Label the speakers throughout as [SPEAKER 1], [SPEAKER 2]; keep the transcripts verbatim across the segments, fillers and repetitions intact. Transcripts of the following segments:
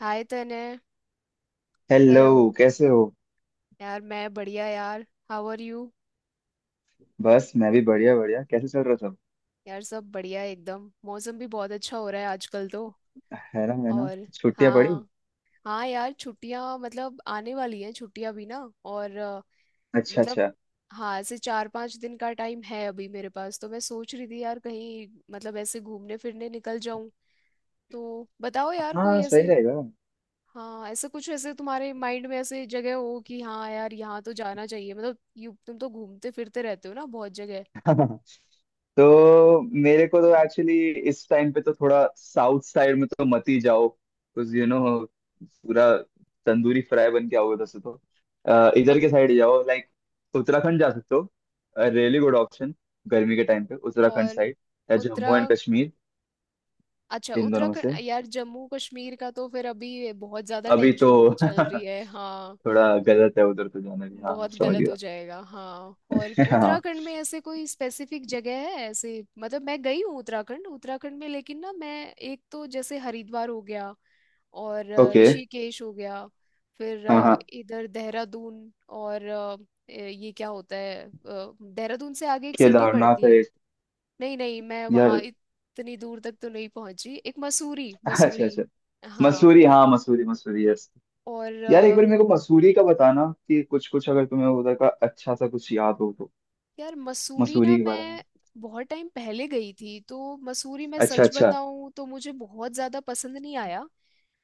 [SPEAKER 1] हाय तने।
[SPEAKER 2] Hello.
[SPEAKER 1] Hello.
[SPEAKER 2] कैसे हो।
[SPEAKER 1] यार मैं बढ़िया। यार हाउ आर यू?
[SPEAKER 2] बस, मैं भी बढ़िया बढ़िया। कैसे चल रहा सब।
[SPEAKER 1] यार सब बढ़िया एकदम। मौसम भी बहुत अच्छा हो रहा है आजकल तो।
[SPEAKER 2] है ना, है ना।
[SPEAKER 1] और
[SPEAKER 2] छुट्टियां पड़ी।
[SPEAKER 1] हाँ, हाँ यार छुट्टियां मतलब आने वाली हैं छुट्टियां भी ना। और अ,
[SPEAKER 2] अच्छा,
[SPEAKER 1] मतलब
[SPEAKER 2] अच्छा।
[SPEAKER 1] हाँ ऐसे चार पांच दिन का टाइम है अभी मेरे पास, तो मैं सोच रही थी यार कहीं मतलब ऐसे घूमने फिरने निकल जाऊं। तो बताओ यार कोई
[SPEAKER 2] हाँ, सही
[SPEAKER 1] ऐसे,
[SPEAKER 2] रहेगा।
[SPEAKER 1] हाँ, ऐसा कुछ ऐसे तुम्हारे माइंड में ऐसे जगह हो कि हाँ यार यहाँ तो जाना चाहिए। मतलब यू तुम तो घूमते फिरते रहते हो ना बहुत जगह।
[SPEAKER 2] तो मेरे को तो एक्चुअली इस टाइम पे तो थोड़ा साउथ साइड में तो मत ही जाओ, कुछ यू नो। पूरा तंदूरी फ्राई बन के आओगे वैसे तो। अ, इधर के साइड जाओ, लाइक उत्तराखंड जा सकते हो। Really good option. गर्मी के टाइम पे उत्तराखंड
[SPEAKER 1] और
[SPEAKER 2] साइड। या
[SPEAKER 1] उत्तरा
[SPEAKER 2] जम्मू एंड कश्मीर।
[SPEAKER 1] अच्छा
[SPEAKER 2] इन दोनों में से
[SPEAKER 1] उत्तराखंड। यार जम्मू कश्मीर का तो फिर अभी बहुत ज्यादा
[SPEAKER 2] अभी तो
[SPEAKER 1] टेंशन चल रही है
[SPEAKER 2] थोड़ा
[SPEAKER 1] हाँ।
[SPEAKER 2] गलत है उधर तो जाना भी। हाँ,
[SPEAKER 1] बहुत
[SPEAKER 2] समझ
[SPEAKER 1] गलत हो
[SPEAKER 2] गया।
[SPEAKER 1] जाएगा हाँ। और
[SPEAKER 2] हाँ।
[SPEAKER 1] उत्तराखंड में ऐसे कोई स्पेसिफिक जगह है ऐसे? मतलब मैं गई हूँ उत्तराखंड उत्तराखंड में, लेकिन ना मैं एक तो जैसे हरिद्वार हो गया। और अ,
[SPEAKER 2] ओके।
[SPEAKER 1] ऋषिकेश हो गया। फिर
[SPEAKER 2] हाँ,
[SPEAKER 1] अ,
[SPEAKER 2] हाँ।
[SPEAKER 1] इधर देहरादून और अ, ये क्या होता है, अ, देहरादून से आगे एक सिटी
[SPEAKER 2] केदारनाथ
[SPEAKER 1] पड़ती
[SPEAKER 2] है
[SPEAKER 1] है।
[SPEAKER 2] एक।
[SPEAKER 1] नहीं नहीं, मैं वहाँ
[SPEAKER 2] यार
[SPEAKER 1] इतनी दूर तक तो नहीं पहुंची। एक मसूरी,
[SPEAKER 2] अच्छा,
[SPEAKER 1] मसूरी
[SPEAKER 2] अच्छा।
[SPEAKER 1] हाँ।
[SPEAKER 2] मसूरी, हाँ मसूरी, मसूरी, यस।
[SPEAKER 1] और
[SPEAKER 2] यार, एक
[SPEAKER 1] अ,
[SPEAKER 2] बार मेरे को मसूरी का बताना कि कुछ कुछ अगर तुम्हें उधर का अच्छा सा कुछ याद हो तो।
[SPEAKER 1] यार मसूरी ना
[SPEAKER 2] मसूरी के बारे में।
[SPEAKER 1] मैं बहुत टाइम पहले गई थी, तो मसूरी मैं
[SPEAKER 2] अच्छा,
[SPEAKER 1] सच
[SPEAKER 2] अच्छा।
[SPEAKER 1] बताऊं तो मुझे बहुत ज्यादा पसंद नहीं आया।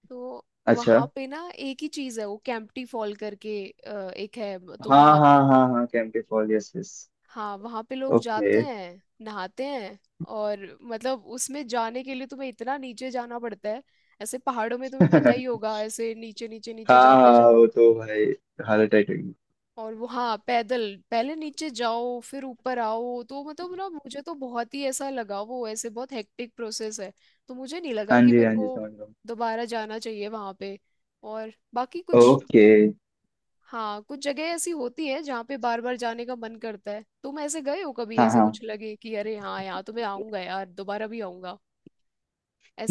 [SPEAKER 1] तो
[SPEAKER 2] अच्छा।
[SPEAKER 1] वहाँ पे ना एक ही चीज है, वो कैंपटी फॉल करके अ, एक है तो
[SPEAKER 2] हाँ
[SPEAKER 1] वहाँ।
[SPEAKER 2] हाँ हाँ हाँ, कैंप के फॉल, यस यस।
[SPEAKER 1] हाँ वहाँ पे लोग
[SPEAKER 2] ओके।
[SPEAKER 1] जाते हैं नहाते हैं। और मतलब उसमें जाने के लिए तुम्हें इतना नीचे जाना पड़ता है। ऐसे पहाड़ों में तुम्हें पता ही
[SPEAKER 2] हाँ।
[SPEAKER 1] होगा ऐसे नीचे नीचे नीचे जाते
[SPEAKER 2] हाँ,
[SPEAKER 1] जाओ।
[SPEAKER 2] वो तो भाई हालत टाइट होगी।
[SPEAKER 1] और वो हाँ पैदल, पहले नीचे जाओ फिर ऊपर आओ, तो मतलब ना मुझे तो बहुत ही ऐसा लगा वो ऐसे बहुत हेक्टिक प्रोसेस है। तो मुझे नहीं लगा
[SPEAKER 2] हाँ
[SPEAKER 1] कि
[SPEAKER 2] जी,
[SPEAKER 1] मेरे
[SPEAKER 2] हाँ जी,
[SPEAKER 1] को
[SPEAKER 2] समझ रहा
[SPEAKER 1] दोबारा जाना चाहिए वहां पे। और बाकी
[SPEAKER 2] हूँ।
[SPEAKER 1] कुछ?
[SPEAKER 2] ओके।
[SPEAKER 1] हाँ कुछ जगह ऐसी होती है जहाँ पे बार बार जाने का मन करता है। तुम ऐसे गए हो कभी
[SPEAKER 2] हाँ,
[SPEAKER 1] ऐसे
[SPEAKER 2] हाँ।
[SPEAKER 1] कुछ लगे कि अरे हाँ यहाँ तो मैं आऊंगा यार दोबारा भी आऊंगा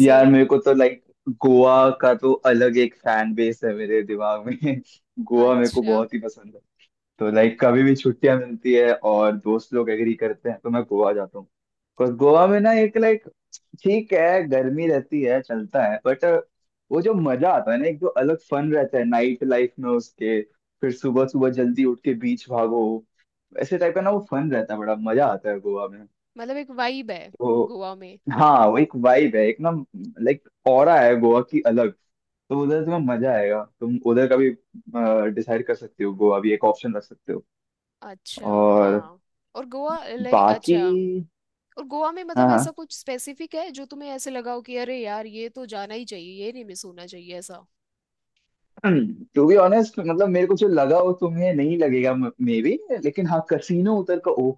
[SPEAKER 2] यार मेरे को तो लाइक गोवा का तो अलग एक फैन बेस है मेरे दिमाग में। गोवा मेरे को
[SPEAKER 1] अच्छा।
[SPEAKER 2] बहुत ही पसंद है। तो
[SPEAKER 1] ओ,
[SPEAKER 2] लाइक कभी भी छुट्टियां मिलती है और दोस्त लोग एग्री करते हैं तो मैं गोवा जाता हूँ, बिकॉज गोवा में ना एक लाइक ठीक है गर्मी रहती है, चलता है बट वो जो मजा आता है ना, एक जो अलग फन रहता है नाइट लाइफ में उसके, फिर सुबह सुबह जल्दी उठ के बीच भागो, ऐसे टाइप का ना वो फन रहता है, बड़ा मजा आता है गोवा में।
[SPEAKER 1] मतलब एक वाइब है
[SPEAKER 2] तो
[SPEAKER 1] गोवा में।
[SPEAKER 2] हाँ, वो एक वाइब है, एक ना लाइक ऑरा है गोवा की अलग। तो उधर तुम्हें मजा आएगा, तुम उधर का भी डिसाइड कर सकते हो, गोवा भी एक ऑप्शन रख सकते हो।
[SPEAKER 1] अच्छा
[SPEAKER 2] और
[SPEAKER 1] हाँ। और गोवा लाइक
[SPEAKER 2] बाकी,
[SPEAKER 1] अच्छा। और गोवा में
[SPEAKER 2] हाँ,
[SPEAKER 1] मतलब ऐसा
[SPEAKER 2] हाँ।
[SPEAKER 1] कुछ स्पेसिफिक है जो तुम्हें ऐसे लगा हो कि अरे यार ये तो जाना ही चाहिए, ये नहीं मिस होना चाहिए ऐसा?
[SPEAKER 2] टू बी ऑनेस्ट, मतलब मेरे को जो लगा वो तुम्हें नहीं लगेगा मे बी, लेकिन हाँ, कसीनो उधर का, ओह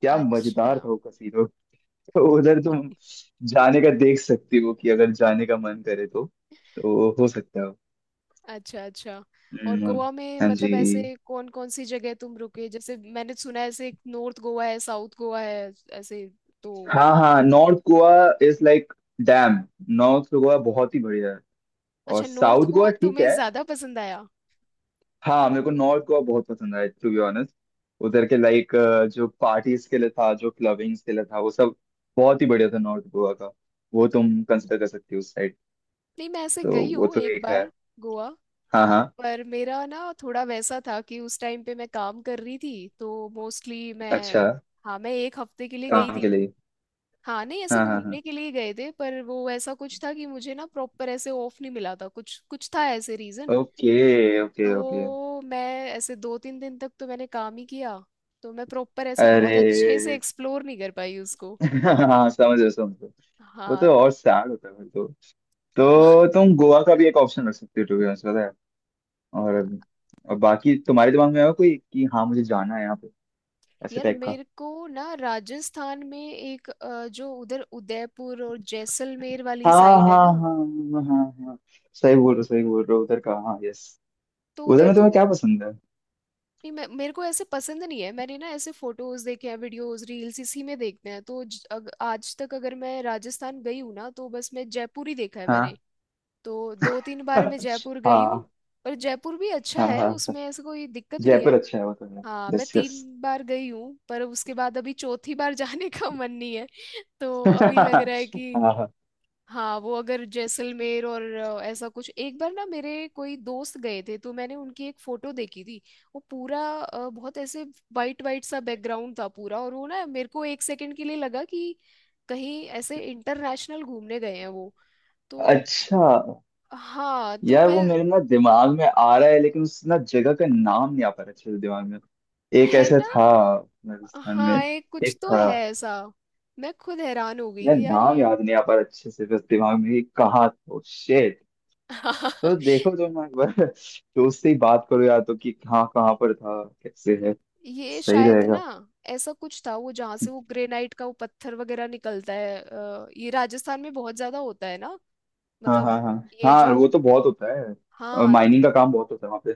[SPEAKER 2] क्या
[SPEAKER 1] अच्छा
[SPEAKER 2] मजेदार था वो कसीनो। तो उधर तुम जाने का देख सकती हो कि अगर जाने का मन करे तो तो हो सकता है।
[SPEAKER 1] अच्छा। अच्छा और
[SPEAKER 2] हम्म।
[SPEAKER 1] गोवा में
[SPEAKER 2] हाँ जी।
[SPEAKER 1] मतलब ऐसे कौन कौन सी जगह तुम रुके? जैसे मैंने सुना है ऐसे नॉर्थ गोवा है साउथ गोवा है ऐसे, तो?
[SPEAKER 2] हाँ हाँ, north Goa is like damn, north Goa बहुत ही बढ़िया है। और
[SPEAKER 1] अच्छा नॉर्थ
[SPEAKER 2] साउथ गोवा
[SPEAKER 1] गोवा
[SPEAKER 2] ठीक
[SPEAKER 1] तुम्हें
[SPEAKER 2] है।
[SPEAKER 1] ज्यादा पसंद आया।
[SPEAKER 2] हाँ, मेरे को नॉर्थ गोवा बहुत पसंद आया टू बी ऑनेस्ट। उधर के लाइक जो पार्टीज के लिए था, जो क्लबिंग्स के लिए था, वो सब बहुत ही बढ़िया था नॉर्थ गोवा का। वो तुम कंसिडर कर सकती हो उस साइड।
[SPEAKER 1] नहीं मैं ऐसे
[SPEAKER 2] तो
[SPEAKER 1] गई
[SPEAKER 2] वो
[SPEAKER 1] हूँ
[SPEAKER 2] तो
[SPEAKER 1] एक
[SPEAKER 2] एक है।
[SPEAKER 1] बार गोवा।
[SPEAKER 2] हाँ, हाँ।
[SPEAKER 1] पर मेरा ना थोड़ा वैसा था कि उस टाइम पे मैं काम कर रही थी, तो मोस्टली मैं।
[SPEAKER 2] अच्छा।
[SPEAKER 1] हाँ मैं एक हफ्ते के लिए गई
[SPEAKER 2] काम के
[SPEAKER 1] थी।
[SPEAKER 2] लिए।
[SPEAKER 1] हाँ नहीं ऐसे
[SPEAKER 2] हाँ हाँ हाँ।
[SPEAKER 1] घूमने के लिए गए थे, पर वो ऐसा कुछ था कि मुझे ना प्रॉपर ऐसे ऑफ नहीं मिला था, कुछ कुछ था ऐसे रीजन।
[SPEAKER 2] Okay okay okay.
[SPEAKER 1] तो मैं ऐसे दो तीन दिन तक तो मैंने काम ही किया, तो मैं प्रॉपर ऐसे बहुत
[SPEAKER 2] अरे
[SPEAKER 1] अच्छे से एक्सप्लोर नहीं कर पाई उसको।
[SPEAKER 2] हाँ, समझो, समझो। वो तो
[SPEAKER 1] हाँ
[SPEAKER 2] और सैड होता है फिर तो।
[SPEAKER 1] हाँ।
[SPEAKER 2] तो तुम गोवा का भी एक ऑप्शन रख सकते हो टू बी ऑनेस्ट, पता है। और, और बाकी तुम्हारे दिमाग में है कोई कि हाँ मुझे जाना है यहाँ पे, ऐसे
[SPEAKER 1] यार
[SPEAKER 2] टाइप का।
[SPEAKER 1] मेरे को ना राजस्थान में एक अ, जो उधर उदयपुर और जैसलमेर वाली
[SPEAKER 2] हाँ।
[SPEAKER 1] साइड है
[SPEAKER 2] हाँ,
[SPEAKER 1] ना
[SPEAKER 2] हाँ। हाँ हाँ हाँ। सही बोल रहे हो, सही बोल रहे हो, उधर का, हाँ यस।
[SPEAKER 1] तो
[SPEAKER 2] उधर
[SPEAKER 1] उधर
[SPEAKER 2] में तुम्हें
[SPEAKER 1] तो।
[SPEAKER 2] क्या पसंद है।
[SPEAKER 1] नहीं मैं मेरे को ऐसे पसंद नहीं है, मैंने ना ऐसे फोटोज देखे हैं वीडियोस रील्स इसी में देखते हैं। तो ज, अग, आज तक अगर मैं राजस्थान गई हूँ ना तो बस मैं जयपुर ही देखा है मैंने।
[SPEAKER 2] हाँ
[SPEAKER 1] तो दो तीन बार मैं जयपुर गई हूँ।
[SPEAKER 2] हाँ
[SPEAKER 1] पर जयपुर भी अच्छा
[SPEAKER 2] हाँ
[SPEAKER 1] है,
[SPEAKER 2] हाँ।
[SPEAKER 1] उसमें ऐसे कोई दिक्कत नहीं
[SPEAKER 2] जयपुर
[SPEAKER 1] है।
[SPEAKER 2] अच्छा है, वो तो है।
[SPEAKER 1] हाँ मैं
[SPEAKER 2] यस, यस।
[SPEAKER 1] तीन बार गई हूँ, पर उसके बाद अभी चौथी बार जाने का मन नहीं है। तो अभी लग रहा है कि।
[SPEAKER 2] हाँ, हाँ।
[SPEAKER 1] हाँ वो अगर जैसलमेर और अ, ऐसा कुछ। एक बार ना मेरे कोई दोस्त गए थे, तो मैंने उनकी एक फोटो देखी थी। वो पूरा अ, बहुत ऐसे वाइट वाइट सा बैकग्राउंड था पूरा, और वो ना मेरे को एक सेकंड के लिए लगा कि कहीं ऐसे इंटरनेशनल घूमने गए हैं वो। तो
[SPEAKER 2] अच्छा।
[SPEAKER 1] हाँ तो
[SPEAKER 2] यार,
[SPEAKER 1] मैं
[SPEAKER 2] वो मेरे ना दिमाग में आ रहा है लेकिन उस ना जगह का नाम नहीं आ पा रहा अच्छे से दिमाग में। एक
[SPEAKER 1] है
[SPEAKER 2] ऐसा
[SPEAKER 1] ना।
[SPEAKER 2] था राजस्थान में।
[SPEAKER 1] हाँ एक कुछ
[SPEAKER 2] एक
[SPEAKER 1] तो
[SPEAKER 2] था।
[SPEAKER 1] है ऐसा। मैं खुद हैरान हो गई
[SPEAKER 2] यार,
[SPEAKER 1] कि यार
[SPEAKER 2] नाम
[SPEAKER 1] ये
[SPEAKER 2] याद नहीं आ पा रहा अच्छे से, बस दिमाग में ही, कहाँ तो, शेट। तो देखो, जो मैं एक बार दोस्त से ही बात करो यार तो, कि कहाँ कहाँ पर था कैसे है,
[SPEAKER 1] ये
[SPEAKER 2] सही
[SPEAKER 1] शायद ना
[SPEAKER 2] रहेगा।
[SPEAKER 1] ऐसा कुछ था वो जहाँ से वो ग्रेनाइट का वो पत्थर वगैरह निकलता है, अ, ये राजस्थान में बहुत ज्यादा होता है ना।
[SPEAKER 2] हाँ
[SPEAKER 1] मतलब
[SPEAKER 2] हाँ हाँ।
[SPEAKER 1] ये
[SPEAKER 2] हाँ
[SPEAKER 1] जो,
[SPEAKER 2] वो तो बहुत होता है,
[SPEAKER 1] हाँ
[SPEAKER 2] माइनिंग का काम बहुत होता है वहाँ पे।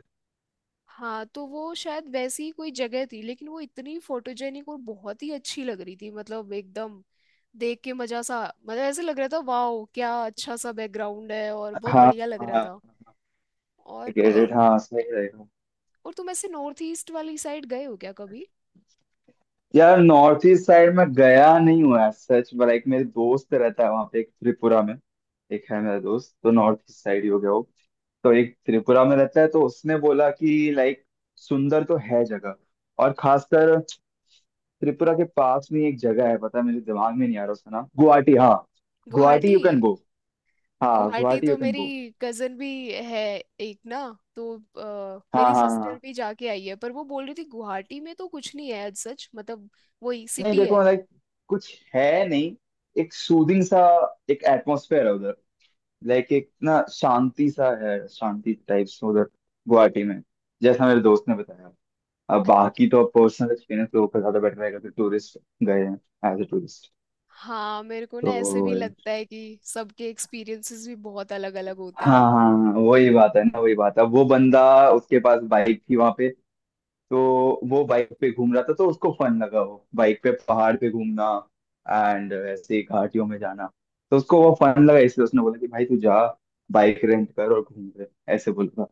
[SPEAKER 1] हाँ, तो वो शायद वैसी ही कोई जगह थी, लेकिन वो इतनी फोटोजेनिक और बहुत ही अच्छी लग रही थी मतलब एकदम, देख के मजा सा। मतलब ऐसे लग रहा था वाओ क्या अच्छा सा बैकग्राउंड है और बहुत
[SPEAKER 2] हाँ,
[SPEAKER 1] बढ़िया लग रहा
[SPEAKER 2] हाँ।
[SPEAKER 1] था। और और,
[SPEAKER 2] क्रेडिट, हाँ सही रहेगा।
[SPEAKER 1] और तुम ऐसे नॉर्थ ईस्ट वाली साइड गए हो क्या कभी?
[SPEAKER 2] यार नॉर्थ ईस्ट साइड में गया नहीं हुआ है सच में, लाइक मेरे दोस्त रहता है वहाँ पे एक, त्रिपुरा में। एक है मेरा दोस्त तो, नॉर्थ ईस्ट साइड ही हो गया वो। तो एक त्रिपुरा में रहता है, तो उसने बोला कि लाइक सुंदर तो है जगह। और खासकर त्रिपुरा के पास में एक जगह है, पता है मेरे दिमाग में नहीं आ रहा उसका नाम, गुवाहाटी। हाँ, Guwahati
[SPEAKER 1] Guwahati?
[SPEAKER 2] You can go. हाँ,
[SPEAKER 1] गुवाहाटी
[SPEAKER 2] गुवाहाटी
[SPEAKER 1] तो
[SPEAKER 2] यू कैन
[SPEAKER 1] मेरी
[SPEAKER 2] गो।
[SPEAKER 1] कजन भी है एक ना। तो अ,
[SPEAKER 2] हाँ
[SPEAKER 1] मेरी
[SPEAKER 2] हाँ
[SPEAKER 1] सिस्टर
[SPEAKER 2] हाँ।
[SPEAKER 1] भी जाके आई है, पर वो बोल रही थी गुवाहाटी में तो कुछ नहीं है as सच मतलब। वही
[SPEAKER 2] नहीं
[SPEAKER 1] सिटी है
[SPEAKER 2] देखो लाइक कुछ है नहीं, एक सूदिंग सा, एक एटमोसफेयर है उधर। लाइक एक ना शांति सा है, शांति टाइप्स उधर, गुवाहाटी में, जैसा मेरे दोस्त ने बताया। अब
[SPEAKER 1] अ-
[SPEAKER 2] बाकी तो पर्सनल एक्सपीरियंस लोगों का ज्यादा बेटर रहेगा कि टूरिस्ट गए हैं एज ए टूरिस्ट।
[SPEAKER 1] हाँ मेरे को ना
[SPEAKER 2] तो
[SPEAKER 1] ऐसे भी लगता है कि सबके एक्सपीरियंसेस भी बहुत अलग अलग होते
[SPEAKER 2] हाँ हाँ, वही बात है ना, वही बात है, वो बंदा, उसके पास बाइक थी वहां पे, तो वो बाइक पे घूम रहा था, तो उसको फन लगा वो बाइक पे पहाड़ पे घूमना एंड ऐसे घाटियों में जाना। तो उसको वो
[SPEAKER 1] हैं।
[SPEAKER 2] फन लगा इसलिए उसने बोला कि भाई तू जा, बाइक रेंट कर और घूम ले, ऐसे बोल रहा।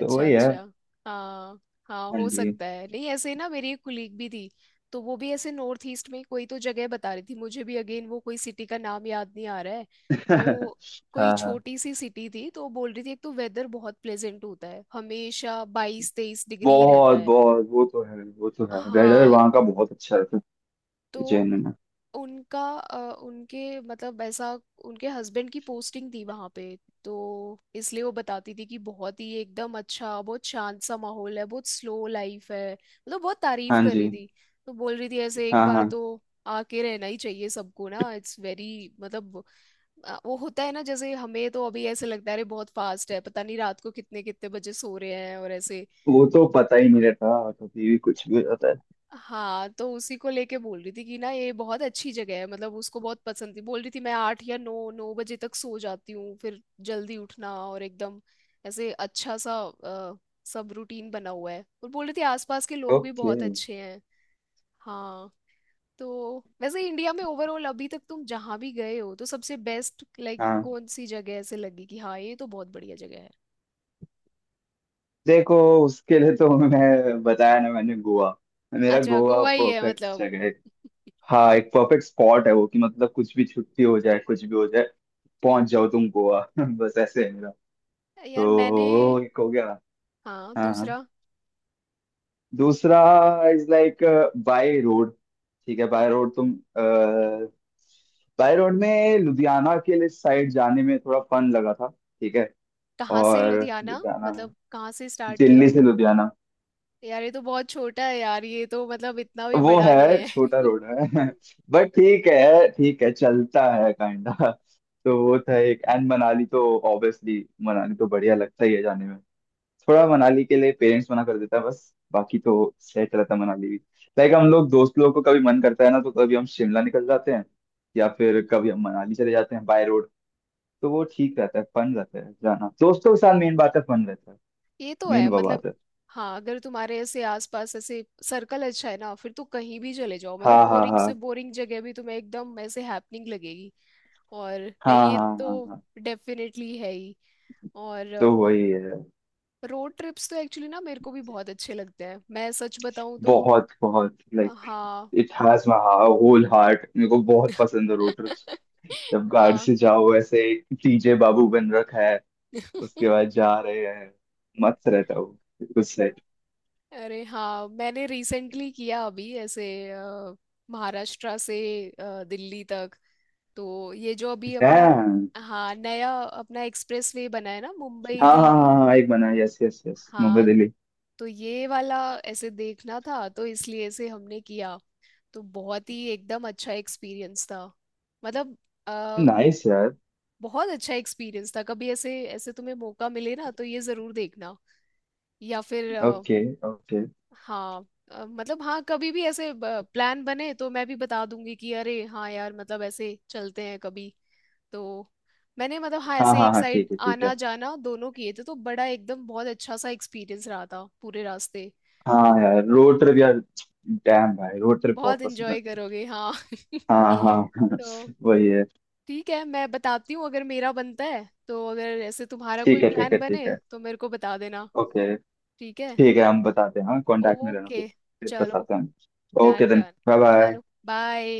[SPEAKER 2] तो वही है।
[SPEAKER 1] अच्छा। हाँ हाँ,
[SPEAKER 2] हाँ
[SPEAKER 1] हो
[SPEAKER 2] जी।
[SPEAKER 1] सकता है। नहीं ऐसे ही ना मेरी एक कुलीग भी थी, तो वो भी ऐसे नॉर्थ ईस्ट में कोई तो जगह बता रही थी मुझे भी, अगेन वो कोई सिटी का नाम याद नहीं आ रहा है। तो कोई
[SPEAKER 2] हाँ, हाँ।
[SPEAKER 1] छोटी सी सिटी थी। तो वो बोल रही थी एक तो वेदर बहुत प्लेजेंट होता है हमेशा बाईस तेईस डिग्री रहता
[SPEAKER 2] बहुत
[SPEAKER 1] है।
[SPEAKER 2] बहुत, वो तो है, वो तो है, वेदर
[SPEAKER 1] हाँ
[SPEAKER 2] वहाँ का बहुत अच्छा रहता है।
[SPEAKER 1] तो
[SPEAKER 2] उज्जैन में।
[SPEAKER 1] उनका अ, उनके मतलब ऐसा उनके हस्बैंड की पोस्टिंग थी वहां पे। तो इसलिए वो बताती थी कि बहुत ही एकदम अच्छा बहुत शांत सा माहौल है, बहुत स्लो लाइफ है, मतलब बहुत तारीफ
[SPEAKER 2] हाँ
[SPEAKER 1] कर
[SPEAKER 2] जी।
[SPEAKER 1] रही थी। तो बोल रही थी ऐसे एक
[SPEAKER 2] हाँ
[SPEAKER 1] बार
[SPEAKER 2] हाँ,
[SPEAKER 1] तो आके रहना ही चाहिए सबको ना इट्स वेरी, मतलब अ, वो होता है ना जैसे हमें तो अभी ऐसे लगता है अरे बहुत फास्ट है पता नहीं रात को कितने कितने बजे सो रहे हैं और ऐसे।
[SPEAKER 2] वो तो पता ही नहीं रहता कभी भी, कुछ भी हो जाता है।
[SPEAKER 1] हाँ तो उसी को लेके बोल रही थी कि ना ये बहुत अच्छी जगह है, मतलब उसको बहुत पसंद थी। बोल रही थी मैं आठ या नौ नौ बजे तक सो जाती हूँ, फिर जल्दी उठना और एकदम ऐसे अच्छा सा अ, सब रूटीन बना हुआ है, और बोल रही थी आसपास के लोग भी
[SPEAKER 2] ओके।
[SPEAKER 1] बहुत अच्छे हैं। हाँ तो वैसे इंडिया में ओवरऑल अभी तक तुम जहाँ भी गए हो तो सबसे बेस्ट लाइक
[SPEAKER 2] हाँ,
[SPEAKER 1] कौन सी जगह ऐसे लगी कि हाँ ये तो बहुत बढ़िया जगह है?
[SPEAKER 2] देखो उसके लिए तो मैं बताया ना मैंने, गोवा। मेरा
[SPEAKER 1] अच्छा
[SPEAKER 2] गोवा
[SPEAKER 1] गोवा ही है
[SPEAKER 2] परफेक्ट
[SPEAKER 1] मतलब।
[SPEAKER 2] जगह है। हाँ एक परफेक्ट स्पॉट है वो कि मतलब कुछ भी छुट्टी हो जाए, कुछ भी हो जाए पहुंच जाओ तुम गोवा। बस ऐसे है मेरा।
[SPEAKER 1] यार
[SPEAKER 2] तो
[SPEAKER 1] मैंने,
[SPEAKER 2] वो एक हो गया।
[SPEAKER 1] हाँ
[SPEAKER 2] हाँ, हाँ।
[SPEAKER 1] दूसरा,
[SPEAKER 2] दूसरा इज लाइक बाय रोड। ठीक है, बाय रोड तुम, बाय रोड में लुधियाना के लिए साइड जाने में थोड़ा फन लगा था। ठीक है।
[SPEAKER 1] कहाँ से
[SPEAKER 2] और,
[SPEAKER 1] लुधियाना
[SPEAKER 2] लुधियाना में
[SPEAKER 1] मतलब? कहाँ से स्टार्ट किया
[SPEAKER 2] दिल्ली
[SPEAKER 1] और?
[SPEAKER 2] से लुधियाना,
[SPEAKER 1] यार ये तो बहुत छोटा है यार, ये तो मतलब इतना भी
[SPEAKER 2] वो
[SPEAKER 1] बड़ा नहीं
[SPEAKER 2] है
[SPEAKER 1] है।
[SPEAKER 2] छोटा रोड है बट ठीक है, ठीक है, चलता है काइंडा। तो वो था एक, एंड मनाली तो ऑब्वियसली मनाली तो बढ़िया लगता ही है जाने में। थोड़ा मनाली के लिए पेरेंट्स मना कर देता है, बस बाकी तो सेट रहता है मनाली भी। लाइक हम लोग दोस्त लोगों को कभी मन करता है ना तो कभी हम शिमला निकल जाते हैं, या फिर कभी हम मनाली चले जाते हैं बाय रोड। तो वो ठीक रहता है, फन रहता है जाना दोस्तों के साथ, मेन बात है फन रहता है,
[SPEAKER 1] ये तो
[SPEAKER 2] मेन
[SPEAKER 1] है
[SPEAKER 2] वो
[SPEAKER 1] मतलब।
[SPEAKER 2] बात है।
[SPEAKER 1] हाँ अगर तुम्हारे ऐसे आसपास ऐसे सर्कल अच्छा है ना, फिर तो कहीं भी चले जाओ, मतलब
[SPEAKER 2] हाँ हाँ
[SPEAKER 1] बोरिंग
[SPEAKER 2] हाँ
[SPEAKER 1] से बोरिंग जगह भी तुम्हें एकदम ऐसे हैपनिंग लगेगी। और
[SPEAKER 2] हाँ
[SPEAKER 1] नहीं ये
[SPEAKER 2] हाँ हाँ
[SPEAKER 1] तो
[SPEAKER 2] हाँ।
[SPEAKER 1] डेफिनेटली है ही। और
[SPEAKER 2] तो वही है।
[SPEAKER 1] रोड ट्रिप्स तो एक्चुअली ना मेरे को भी बहुत अच्छे लगते हैं मैं सच बताऊं तो।
[SPEAKER 2] बहुत बहुत लाइक
[SPEAKER 1] हाँ
[SPEAKER 2] it has my whole heart, मेरे को बहुत पसंद है रोटर्स, जब गार्ड
[SPEAKER 1] हाँ
[SPEAKER 2] से जाओ ऐसे। टीजे बाबू बन रखा है उसके बाद, जा रहे हैं, मस्त रहता हूँ उस साइड।
[SPEAKER 1] अरे हाँ मैंने रिसेंटली किया अभी ऐसे अ, महाराष्ट्र से अ, दिल्ली तक। तो ये जो अभी अपना,
[SPEAKER 2] डैम।
[SPEAKER 1] हाँ नया अपना एक्सप्रेसवे बना है ना मुंबई
[SPEAKER 2] हाँ हाँ हाँ
[SPEAKER 1] दिल्ली।
[SPEAKER 2] हाँ, एक बना, यस यस यस, मुंबई
[SPEAKER 1] हाँ
[SPEAKER 2] दिल्ली।
[SPEAKER 1] तो ये वाला ऐसे देखना था, तो इसलिए ऐसे हमने किया। तो बहुत ही एकदम अच्छा एक्सपीरियंस था मतलब अ,
[SPEAKER 2] नाइस यार।
[SPEAKER 1] बहुत अच्छा एक्सपीरियंस था। कभी ऐसे ऐसे तुम्हें मौका मिले ना तो ये जरूर देखना। या फिर
[SPEAKER 2] ओके, ओके।
[SPEAKER 1] हाँ, अ, मतलब हाँ कभी भी ऐसे प्लान बने तो मैं भी बता दूंगी कि अरे हाँ यार मतलब ऐसे चलते हैं कभी। तो मैंने मतलब हाँ
[SPEAKER 2] हाँ
[SPEAKER 1] ऐसे
[SPEAKER 2] हाँ
[SPEAKER 1] एक
[SPEAKER 2] हाँ,
[SPEAKER 1] साइड
[SPEAKER 2] ठीक है, ठीक है।
[SPEAKER 1] आना जाना दोनों किए थे, तो बड़ा एकदम बहुत अच्छा सा एक्सपीरियंस रहा था पूरे रास्ते। तो
[SPEAKER 2] हाँ यार रोड ट्रिप, यार डैम भाई, रोड ट्रिप बहुत
[SPEAKER 1] बहुत
[SPEAKER 2] पसंद है।
[SPEAKER 1] एंजॉय करोगे हाँ
[SPEAKER 2] हाँ हाँ हाँ।
[SPEAKER 1] तो
[SPEAKER 2] वही है।
[SPEAKER 1] ठीक है मैं बताती हूँ अगर मेरा बनता है, तो अगर ऐसे तुम्हारा
[SPEAKER 2] ठीक
[SPEAKER 1] कोई
[SPEAKER 2] है, ठीक
[SPEAKER 1] प्लान
[SPEAKER 2] है, ठीक
[SPEAKER 1] बने
[SPEAKER 2] है।
[SPEAKER 1] तो मेरे को बता देना।
[SPEAKER 2] ओके।
[SPEAKER 1] ठीक है।
[SPEAKER 2] ठीक है, हम बताते हैं, हाँ कांटेक्ट में रहना
[SPEAKER 1] ओके
[SPEAKER 2] फिर फिर
[SPEAKER 1] चलो।
[SPEAKER 2] बताते हैं। Okay
[SPEAKER 1] done
[SPEAKER 2] then,
[SPEAKER 1] done.
[SPEAKER 2] Bye bye.
[SPEAKER 1] चलो बाय।